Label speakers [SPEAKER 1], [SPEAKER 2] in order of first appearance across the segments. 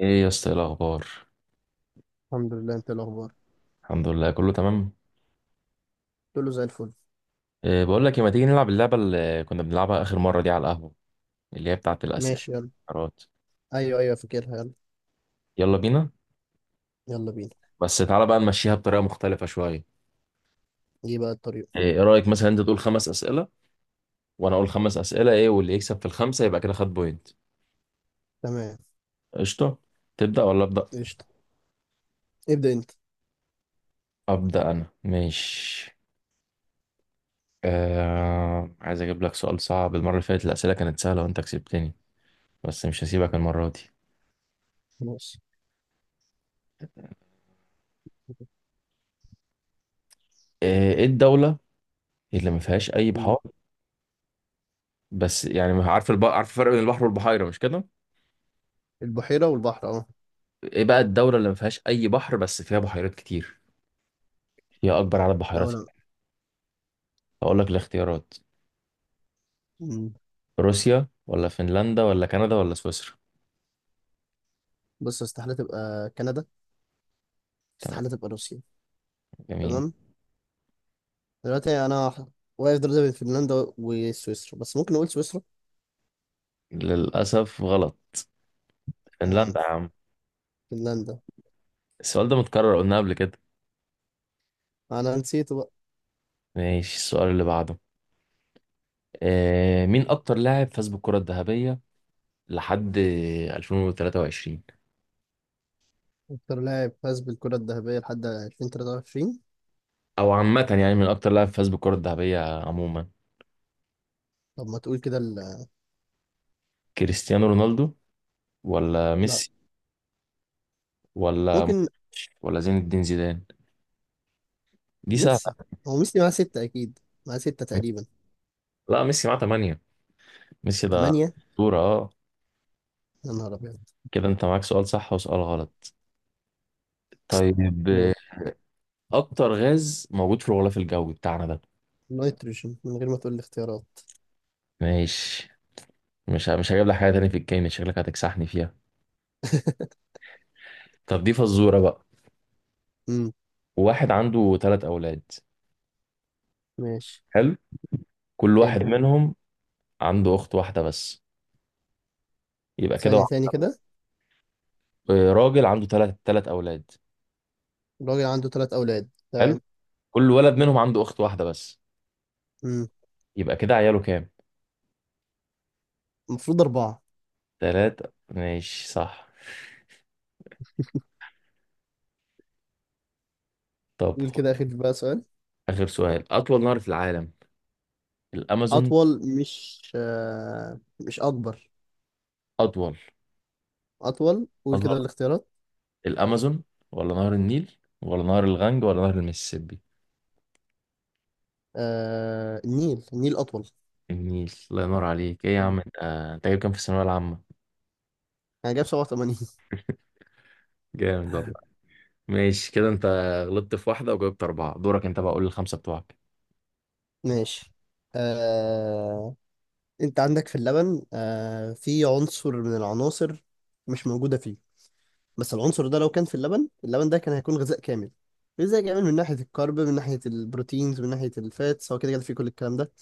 [SPEAKER 1] ايه يا اسطى، ايه الاخبار؟
[SPEAKER 2] الحمد لله. انت إيه الاخبار؟
[SPEAKER 1] الحمد لله كله تمام.
[SPEAKER 2] قلت له زي الفل.
[SPEAKER 1] إيه بقول لك إيه، ما تيجي نلعب اللعبه اللي كنا بنلعبها اخر مره دي على القهوه، اللي هي بتاعه الاسئله
[SPEAKER 2] ماشي يلا.
[SPEAKER 1] والقرارات.
[SPEAKER 2] ايوه ايوه فاكرها يلا.
[SPEAKER 1] يلا بينا.
[SPEAKER 2] يلا بينا.
[SPEAKER 1] بس تعالى بقى نمشيها بطريقه مختلفه شويه.
[SPEAKER 2] ايه بقى الطريقه؟
[SPEAKER 1] ايه إيه رايك مثلا انت تقول خمس اسئله وانا اقول خمس اسئله، ايه واللي يكسب في الخمسه يبقى كده خد بوينت.
[SPEAKER 2] تمام.
[SPEAKER 1] قشطه. تبدا ولا ابدا؟
[SPEAKER 2] قشطه. ابدا انت.
[SPEAKER 1] ابدا انا، ماشي. عايز اجيب لك سؤال صعب. المره اللي فاتت الاسئله كانت سهله وانت كسبتني، بس مش هسيبك المره دي.
[SPEAKER 2] خلاص.
[SPEAKER 1] ايه إيه الدوله اللي ما فيهاش اي
[SPEAKER 2] مم.
[SPEAKER 1] بحار؟ بس يعني ما عارف عارف الفرق بين البحر والبحيرة، مش كده؟
[SPEAKER 2] البحيره والبحر اهو.
[SPEAKER 1] ايه بقى الدولة اللي ما فيهاش أي بحر بس فيها بحيرات كتير؟ هي أكبر عدد
[SPEAKER 2] لا
[SPEAKER 1] بحيرات.
[SPEAKER 2] لا.
[SPEAKER 1] هقول لك الاختيارات:
[SPEAKER 2] مم.
[SPEAKER 1] روسيا ولا فنلندا ولا كندا ولا سويسرا؟
[SPEAKER 2] بص استحاله تبقى كندا.
[SPEAKER 1] تمام.
[SPEAKER 2] استحاله تبقى روسيا.
[SPEAKER 1] جميل.
[SPEAKER 2] تمام. دلوقتي واقف دلوقتي بين فنلندا وسويسرا، بس ممكن اقول سويسرا.
[SPEAKER 1] للأسف غلط،
[SPEAKER 2] آه.
[SPEAKER 1] فنلندا يا عم.
[SPEAKER 2] فنلندا.
[SPEAKER 1] السؤال ده متكرر، قلنا قبل كده.
[SPEAKER 2] انا نسيت بقى.
[SPEAKER 1] ماشي، السؤال اللي بعده. آه، مين أكتر لاعب فاز بالكرة الذهبية لحد 2023؟
[SPEAKER 2] اكتر لاعب فاز بالكره الذهبيه لحد 2023؟
[SPEAKER 1] أو عامة يعني، من أكتر لاعب فاز بالكرة الذهبية عموما؟
[SPEAKER 2] طب ما تقول كده
[SPEAKER 1] كريستيانو رونالدو ولا
[SPEAKER 2] لا.
[SPEAKER 1] ميسي ولا
[SPEAKER 2] ممكن.
[SPEAKER 1] مودريتش ولا زين الدين زيدان؟ دي
[SPEAKER 2] ميسي.
[SPEAKER 1] سهلة.
[SPEAKER 2] هو ميسي معاه ستة أكيد. معاه ستة تقريبا.
[SPEAKER 1] لا، ميسي معاه تمانية. ميسي ده
[SPEAKER 2] تمانية؟
[SPEAKER 1] أسطورة، اه.
[SPEAKER 2] يا نهار أبيض.
[SPEAKER 1] كده انت معاك سؤال صح وسؤال غلط. طيب،
[SPEAKER 2] ماشي.
[SPEAKER 1] اكتر غاز موجود في الغلاف الجوي بتاعنا ده؟
[SPEAKER 2] نيتروجين من غير ما تقول لي اختيارات.
[SPEAKER 1] ماشي. مش هجيب لك حاجة تاني في الكيمياء، شكلك هتكسحني فيها. طب دي فزورة بقى.
[SPEAKER 2] امم
[SPEAKER 1] واحد عنده ثلاث اولاد.
[SPEAKER 2] ماشي.
[SPEAKER 1] حلو. كل
[SPEAKER 2] حلو.
[SPEAKER 1] واحد منهم عنده اخت واحدة بس، يبقى كده
[SPEAKER 2] ثانية تاني كده.
[SPEAKER 1] آه، راجل عنده ثلاث اولاد.
[SPEAKER 2] الراجل عنده ثلاث أولاد،
[SPEAKER 1] حلو.
[SPEAKER 2] تمام.
[SPEAKER 1] كل ولد منهم عنده اخت واحدة بس،
[SPEAKER 2] امم
[SPEAKER 1] يبقى كده عياله كام؟
[SPEAKER 2] المفروض أربعة.
[SPEAKER 1] تلاتة، ماشي صح. طب
[SPEAKER 2] قول
[SPEAKER 1] خد
[SPEAKER 2] كده آخر بقى سؤال.
[SPEAKER 1] آخر سؤال: أطول نهر في العالم؟ الأمازون؟
[SPEAKER 2] أطول مش آه، مش أكبر.
[SPEAKER 1] أطول.
[SPEAKER 2] أطول. قول كده
[SPEAKER 1] أطول
[SPEAKER 2] الاختيارات.
[SPEAKER 1] الأمازون ولا نهر النيل ولا نهر الغنج ولا نهر المسيسيبي؟
[SPEAKER 2] آه، النيل، النيل أطول.
[SPEAKER 1] النيل، الله ينور عليك، إيه يا
[SPEAKER 2] مم.
[SPEAKER 1] عم أنت. أنت جايب كام في الثانوية العامة؟
[SPEAKER 2] أنا جايب 87.
[SPEAKER 1] جامد والله. ماشي، كده أنت غلطت في واحدة وجاوبت أربعة. دورك أنت بقى، قول الخمسة بتوعك.
[SPEAKER 2] ماشي. آه، انت عندك في اللبن، آه، في عنصر من العناصر مش موجودة فيه. بس العنصر ده لو كان في اللبن، اللبن ده كان هيكون غذاء كامل. غذاء كامل من ناحية الكارب، من ناحية البروتينز، من ناحية الفاتس، هو كده كده فيه كل الكلام ده.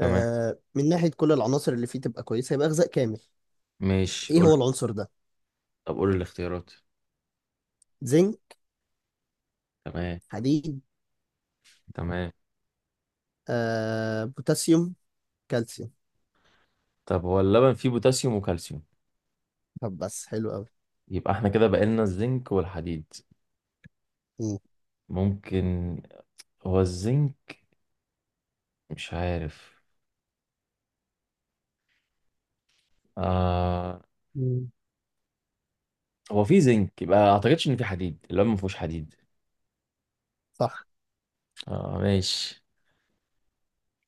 [SPEAKER 1] تمام.
[SPEAKER 2] من ناحية كل العناصر اللي فيه تبقى كويسة، يبقى غذاء كامل.
[SPEAKER 1] ماشي
[SPEAKER 2] ايه
[SPEAKER 1] قول.
[SPEAKER 2] هو العنصر ده؟
[SPEAKER 1] طب قول الاختيارات.
[SPEAKER 2] زنك.
[SPEAKER 1] تمام.
[SPEAKER 2] حديد.
[SPEAKER 1] تمام.
[SPEAKER 2] آه، بوتاسيوم. كالسيوم.
[SPEAKER 1] طب هو اللبن فيه بوتاسيوم وكالسيوم؟
[SPEAKER 2] طب بس حلو قوي.
[SPEAKER 1] يبقى احنا كده بقالنا الزنك والحديد.
[SPEAKER 2] مم.
[SPEAKER 1] ممكن. هو الزنك؟ مش عارف. آه.
[SPEAKER 2] مم.
[SPEAKER 1] هو في زنك، يبقى ما اعتقدش ان في حديد، اللي هو ما فيهوش حديد.
[SPEAKER 2] صح.
[SPEAKER 1] اه، ماشي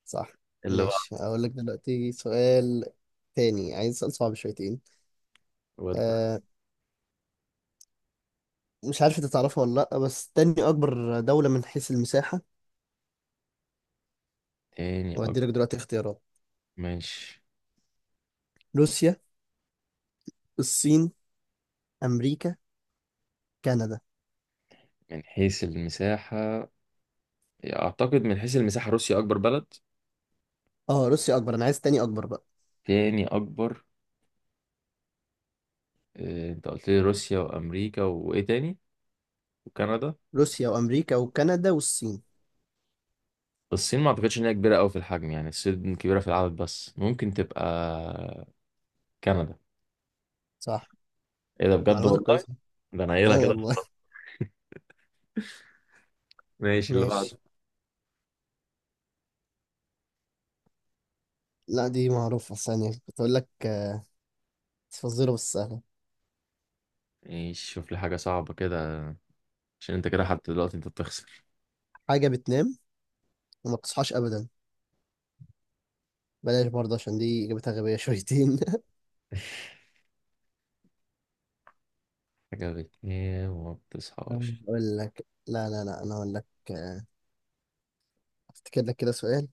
[SPEAKER 2] صح.
[SPEAKER 1] اللي بقى.
[SPEAKER 2] ماشي اقول لك دلوقتي سؤال تاني. عايز سؤال صعب شويتين.
[SPEAKER 1] ودع.
[SPEAKER 2] آه، مش عارف انت تعرفها ولا لا، بس تاني اكبر دولة من حيث المساحة.
[SPEAKER 1] تاني أكبر؟
[SPEAKER 2] وهدي لك دلوقتي اختيارات.
[SPEAKER 1] ماشي.
[SPEAKER 2] روسيا، الصين، امريكا، كندا.
[SPEAKER 1] من حيث المساحة؟ اعتقد من حيث المساحة روسيا اكبر بلد.
[SPEAKER 2] اه روسيا اكبر، انا عايز تاني اكبر بقى.
[SPEAKER 1] تاني اكبر. آه، انت قلت لي روسيا وامريكا وايه تاني؟ وكندا.
[SPEAKER 2] روسيا وامريكا وكندا والصين.
[SPEAKER 1] الصين ما اعتقدش ان هي كبيرة قوي في الحجم، يعني الصين كبيرة في العدد، بس ممكن تبقى كندا.
[SPEAKER 2] صح.
[SPEAKER 1] ايه ده، بجد
[SPEAKER 2] معلوماتك
[SPEAKER 1] والله.
[SPEAKER 2] كويسة.
[SPEAKER 1] ده انا
[SPEAKER 2] اه
[SPEAKER 1] قايلها كده
[SPEAKER 2] والله.
[SPEAKER 1] خلاص. ماشي اللي
[SPEAKER 2] ماشي.
[SPEAKER 1] بعده.
[SPEAKER 2] لا دي معروفة. ثانية كنت اقول لك آه، فزورة بس سهلة.
[SPEAKER 1] ماشي، شوف لي حاجة صعبة كده، عشان انت كده حتى دلوقتي انت بتخسر.
[SPEAKER 2] حاجة بتنام وما بتصحاش ابدا. بلاش برضه، عشان دي اجابتها غبية شويتين.
[SPEAKER 1] حاجة بتنام وما بتصحاش.
[SPEAKER 2] اقول لك، لا لا لا، انا اقول لك. آه، افتكر لك كده سؤال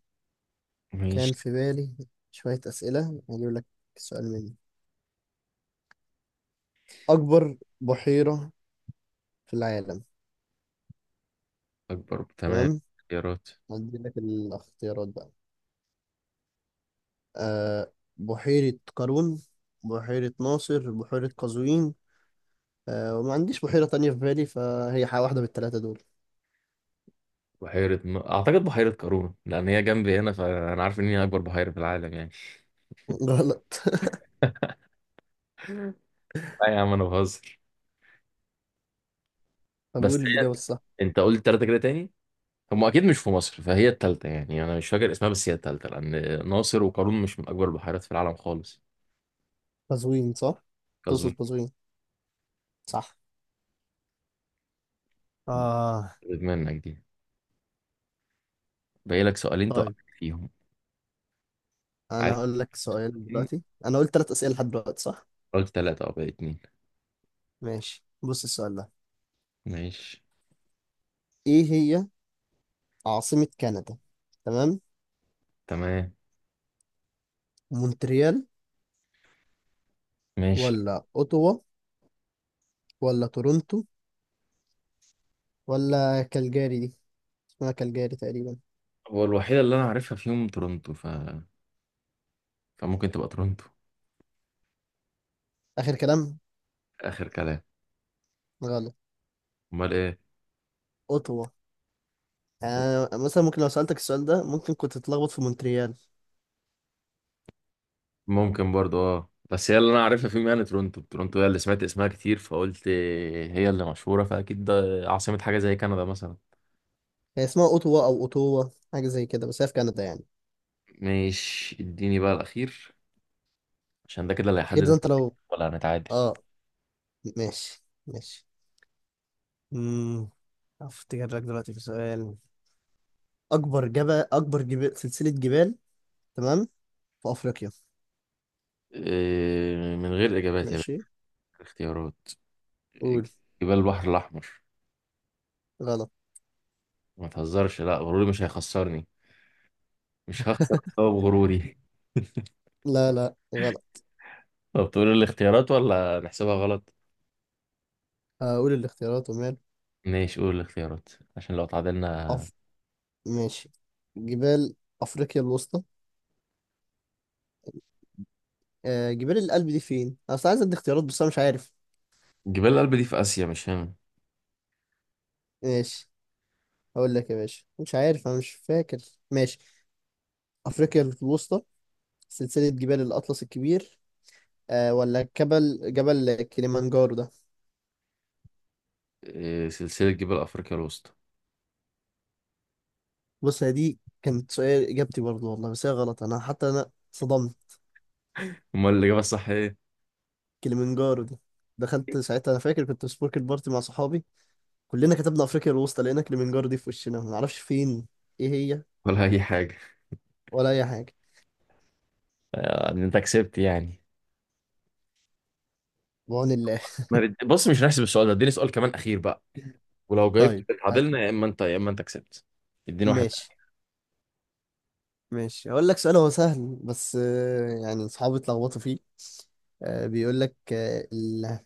[SPEAKER 2] كان
[SPEAKER 1] ماشي.
[SPEAKER 2] في بالي. شوية أسئلة هجيب لك. سؤال مني. أكبر بحيرة في العالم.
[SPEAKER 1] أكبر. تمام.
[SPEAKER 2] تمام.
[SPEAKER 1] اختيارات.
[SPEAKER 2] هدي لك الاختيارات بقى. أه، بحيرة قارون، بحيرة ناصر، بحيرة قزوين. أه وما عنديش بحيرة تانية في بالي، فهي واحدة من التلاتة دول.
[SPEAKER 1] أعتقد بحيرة قارون، لأن هي جنبي هنا فأنا عارف إن هي أكبر بحيرة في العالم يعني.
[SPEAKER 2] غلط.
[SPEAKER 1] لا يا عم، أنا بهزر.
[SPEAKER 2] طب
[SPEAKER 1] بس
[SPEAKER 2] قول
[SPEAKER 1] هي
[SPEAKER 2] الإجابة الصح.
[SPEAKER 1] أنت قلت تلاتة كده تاني، هم أكيد مش في مصر، فهي التالتة يعني. أنا مش فاكر اسمها، بس هي التالتة، لأن ناصر وقارون مش من أكبر البحيرات في العالم خالص.
[SPEAKER 2] قزوين صح؟
[SPEAKER 1] كظن.
[SPEAKER 2] تقصد قزوين. صح. آه.
[SPEAKER 1] منك دي. باقي لك سؤالين
[SPEAKER 2] طيب
[SPEAKER 1] توقعك فيهم.
[SPEAKER 2] أنا
[SPEAKER 1] عارف.
[SPEAKER 2] هقول لك سؤال دلوقتي. أنا قلت تلات أسئلة لحد دلوقتي صح؟
[SPEAKER 1] قلت تلاتة أو باقي اتنين.
[SPEAKER 2] ماشي بص السؤال ده.
[SPEAKER 1] ماشي.
[SPEAKER 2] إيه هي عاصمة كندا؟ تمام.
[SPEAKER 1] تمام.
[SPEAKER 2] مونتريال
[SPEAKER 1] ماشي.
[SPEAKER 2] ولا أوتوا ولا تورونتو ولا كالجاري دي؟ اسمها كالجاري تقريبا.
[SPEAKER 1] هو الوحيدة اللي أنا عارفها فيهم تورونتو، فممكن تبقى تورونتو.
[SPEAKER 2] آخر كلام.
[SPEAKER 1] آخر كلام.
[SPEAKER 2] غلط.
[SPEAKER 1] أمال إيه؟
[SPEAKER 2] أوتوا. يعني أنا مثلا ممكن لو سألتك السؤال ده، ممكن كنت تتلخبط في مونتريال.
[SPEAKER 1] ممكن برضو، أه، بس هي اللي أنا عارفها فيهم يعني، تورونتو. تورونتو هي اللي سمعت اسمها كتير، فقلت هي اللي مشهورة فأكيد ده عاصمة حاجة زي كندا مثلا.
[SPEAKER 2] هي اسمها أوتوا أو أوتوا، حاجة زي كده، بس هي في كندا يعني.
[SPEAKER 1] ماشي، اديني بقى الأخير، عشان ده كده اللي
[SPEAKER 2] خير ده
[SPEAKER 1] هيحدد،
[SPEAKER 2] أنت لو
[SPEAKER 1] ولا هنتعادل.
[SPEAKER 2] آه، ماشي ماشي. امم أفتكر لك دلوقتي في سؤال. أكبر جبال، سلسلة جبال، تمام، في أفريقيا.
[SPEAKER 1] إيه، من غير إجابات يا باشا.
[SPEAKER 2] ماشي
[SPEAKER 1] اختيارات.
[SPEAKER 2] قول.
[SPEAKER 1] جبال البحر الأحمر.
[SPEAKER 2] غلط.
[SPEAKER 1] ما تهزرش، لا غروري مش هيخسرني. مش هخسر بسبب غروري.
[SPEAKER 2] لا لا غلط.
[SPEAKER 1] طب تقول الاختيارات ولا نحسبها غلط؟
[SPEAKER 2] هقول الاختيارات ومال.
[SPEAKER 1] ماشي قول الاختيارات، عشان لو اتعادلنا.
[SPEAKER 2] أف... ماشي. جبال أفريقيا الوسطى. آه، جبال القلب دي فين؟ أنا أصل عايز أدي اختيارات بس أنا مش عارف.
[SPEAKER 1] جبال الألب دي في آسيا، مش هنا.
[SPEAKER 2] ماشي هقول لك يا باشا، مش عارف أنا، مش فاكر. ماشي. أفريقيا الوسطى، سلسلة جبال الأطلس الكبير، آه ولا جبل كليمانجارو ده.
[SPEAKER 1] إيه، سلسلة جبال أفريقيا الوسطى.
[SPEAKER 2] بص هي دي كانت سؤال إجابتي برضه والله، بس هي غلط. أنا حتى أنا صدمت.
[SPEAKER 1] امال الإجابة الصح إيه؟
[SPEAKER 2] كليمانجارو دي. دخلت ساعتها، انا فاكر كنت في سبورك البارتي مع صحابي. كلنا كتبنا افريقيا الوسطى، لقينا كليمنجارو دي في وشنا ما نعرفش فين. ايه هي؟
[SPEAKER 1] ولا أي حاجة.
[SPEAKER 2] ولا اي حاجه.
[SPEAKER 1] آه، انت كسبت يعني.
[SPEAKER 2] بعون الله.
[SPEAKER 1] ما بد- بص مش هنحسب السؤال ده، اديني سؤال كمان أخير بقى، ولو جايبت
[SPEAKER 2] طيب ه-
[SPEAKER 1] اتعادلنا، يا إما أنت، يا إما أنت كسبت. اديني واحد.
[SPEAKER 2] ماشي ماشي. هقول لك سؤال هو سهل، بس يعني اصحابي اتلخبطوا فيه. بيقول لك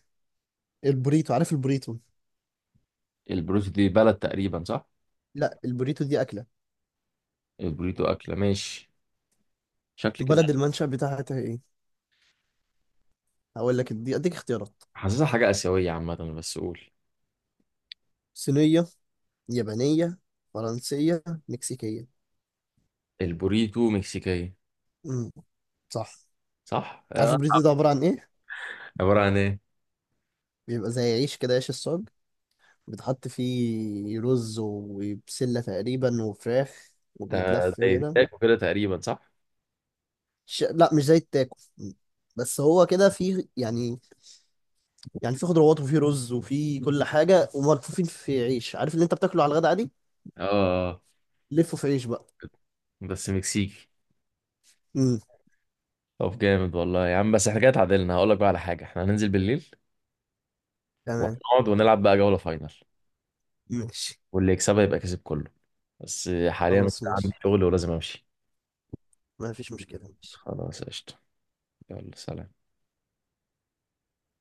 [SPEAKER 2] البوريتو، عارف البوريتو؟
[SPEAKER 1] البروتو دي بلد تقريبا، صح؟
[SPEAKER 2] لا البوريتو دي اكله.
[SPEAKER 1] البوريتو أكلة، ماشي. شكل كده.
[SPEAKER 2] بلد المنشأ بتاعتها ايه؟ هقول لك، دي اديك اختيارات.
[SPEAKER 1] حاسسها حاجة آسيوية عامة، بس قول.
[SPEAKER 2] صينيه، يابانيه، فرنسيه، مكسيكيه.
[SPEAKER 1] البوريتو مكسيكية.
[SPEAKER 2] امم صح.
[SPEAKER 1] صح
[SPEAKER 2] عارف
[SPEAKER 1] آه.
[SPEAKER 2] البوريتو ده عباره عن ايه؟
[SPEAKER 1] عبارة عن إيه؟
[SPEAKER 2] بيبقى زي عيش كده، عيش الصاج، بيتحط فيه رز وبسله تقريبا وفراخ،
[SPEAKER 1] ده
[SPEAKER 2] وبيتلف
[SPEAKER 1] ده
[SPEAKER 2] كده.
[SPEAKER 1] يتاكل كده تقريبا، صح؟
[SPEAKER 2] لا مش زي التاكو، بس هو كده فيه يعني. يعني فيه خضروات وفيه رز وفيه كل حاجة، وملفوفين في عيش، عارف اللي انت بتاكله على الغدا عادي،
[SPEAKER 1] اه. آه.
[SPEAKER 2] لفه في عيش بقى.
[SPEAKER 1] بس مكسيكي.
[SPEAKER 2] امم
[SPEAKER 1] طب جامد والله يا عم. بس احنا كده اتعادلنا، هقول لك بقى على حاجه: احنا هننزل بالليل
[SPEAKER 2] تمام.
[SPEAKER 1] وهنقعد ونلعب بقى جوله فاينل،
[SPEAKER 2] ماشي
[SPEAKER 1] واللي يكسبها يبقى كسب كله. بس حاليا
[SPEAKER 2] خلاص
[SPEAKER 1] عندي
[SPEAKER 2] ماشي.
[SPEAKER 1] شغل ولازم امشي.
[SPEAKER 2] ما فيش مشكلة ماشي.
[SPEAKER 1] خلاص قشطه. يلا سلام.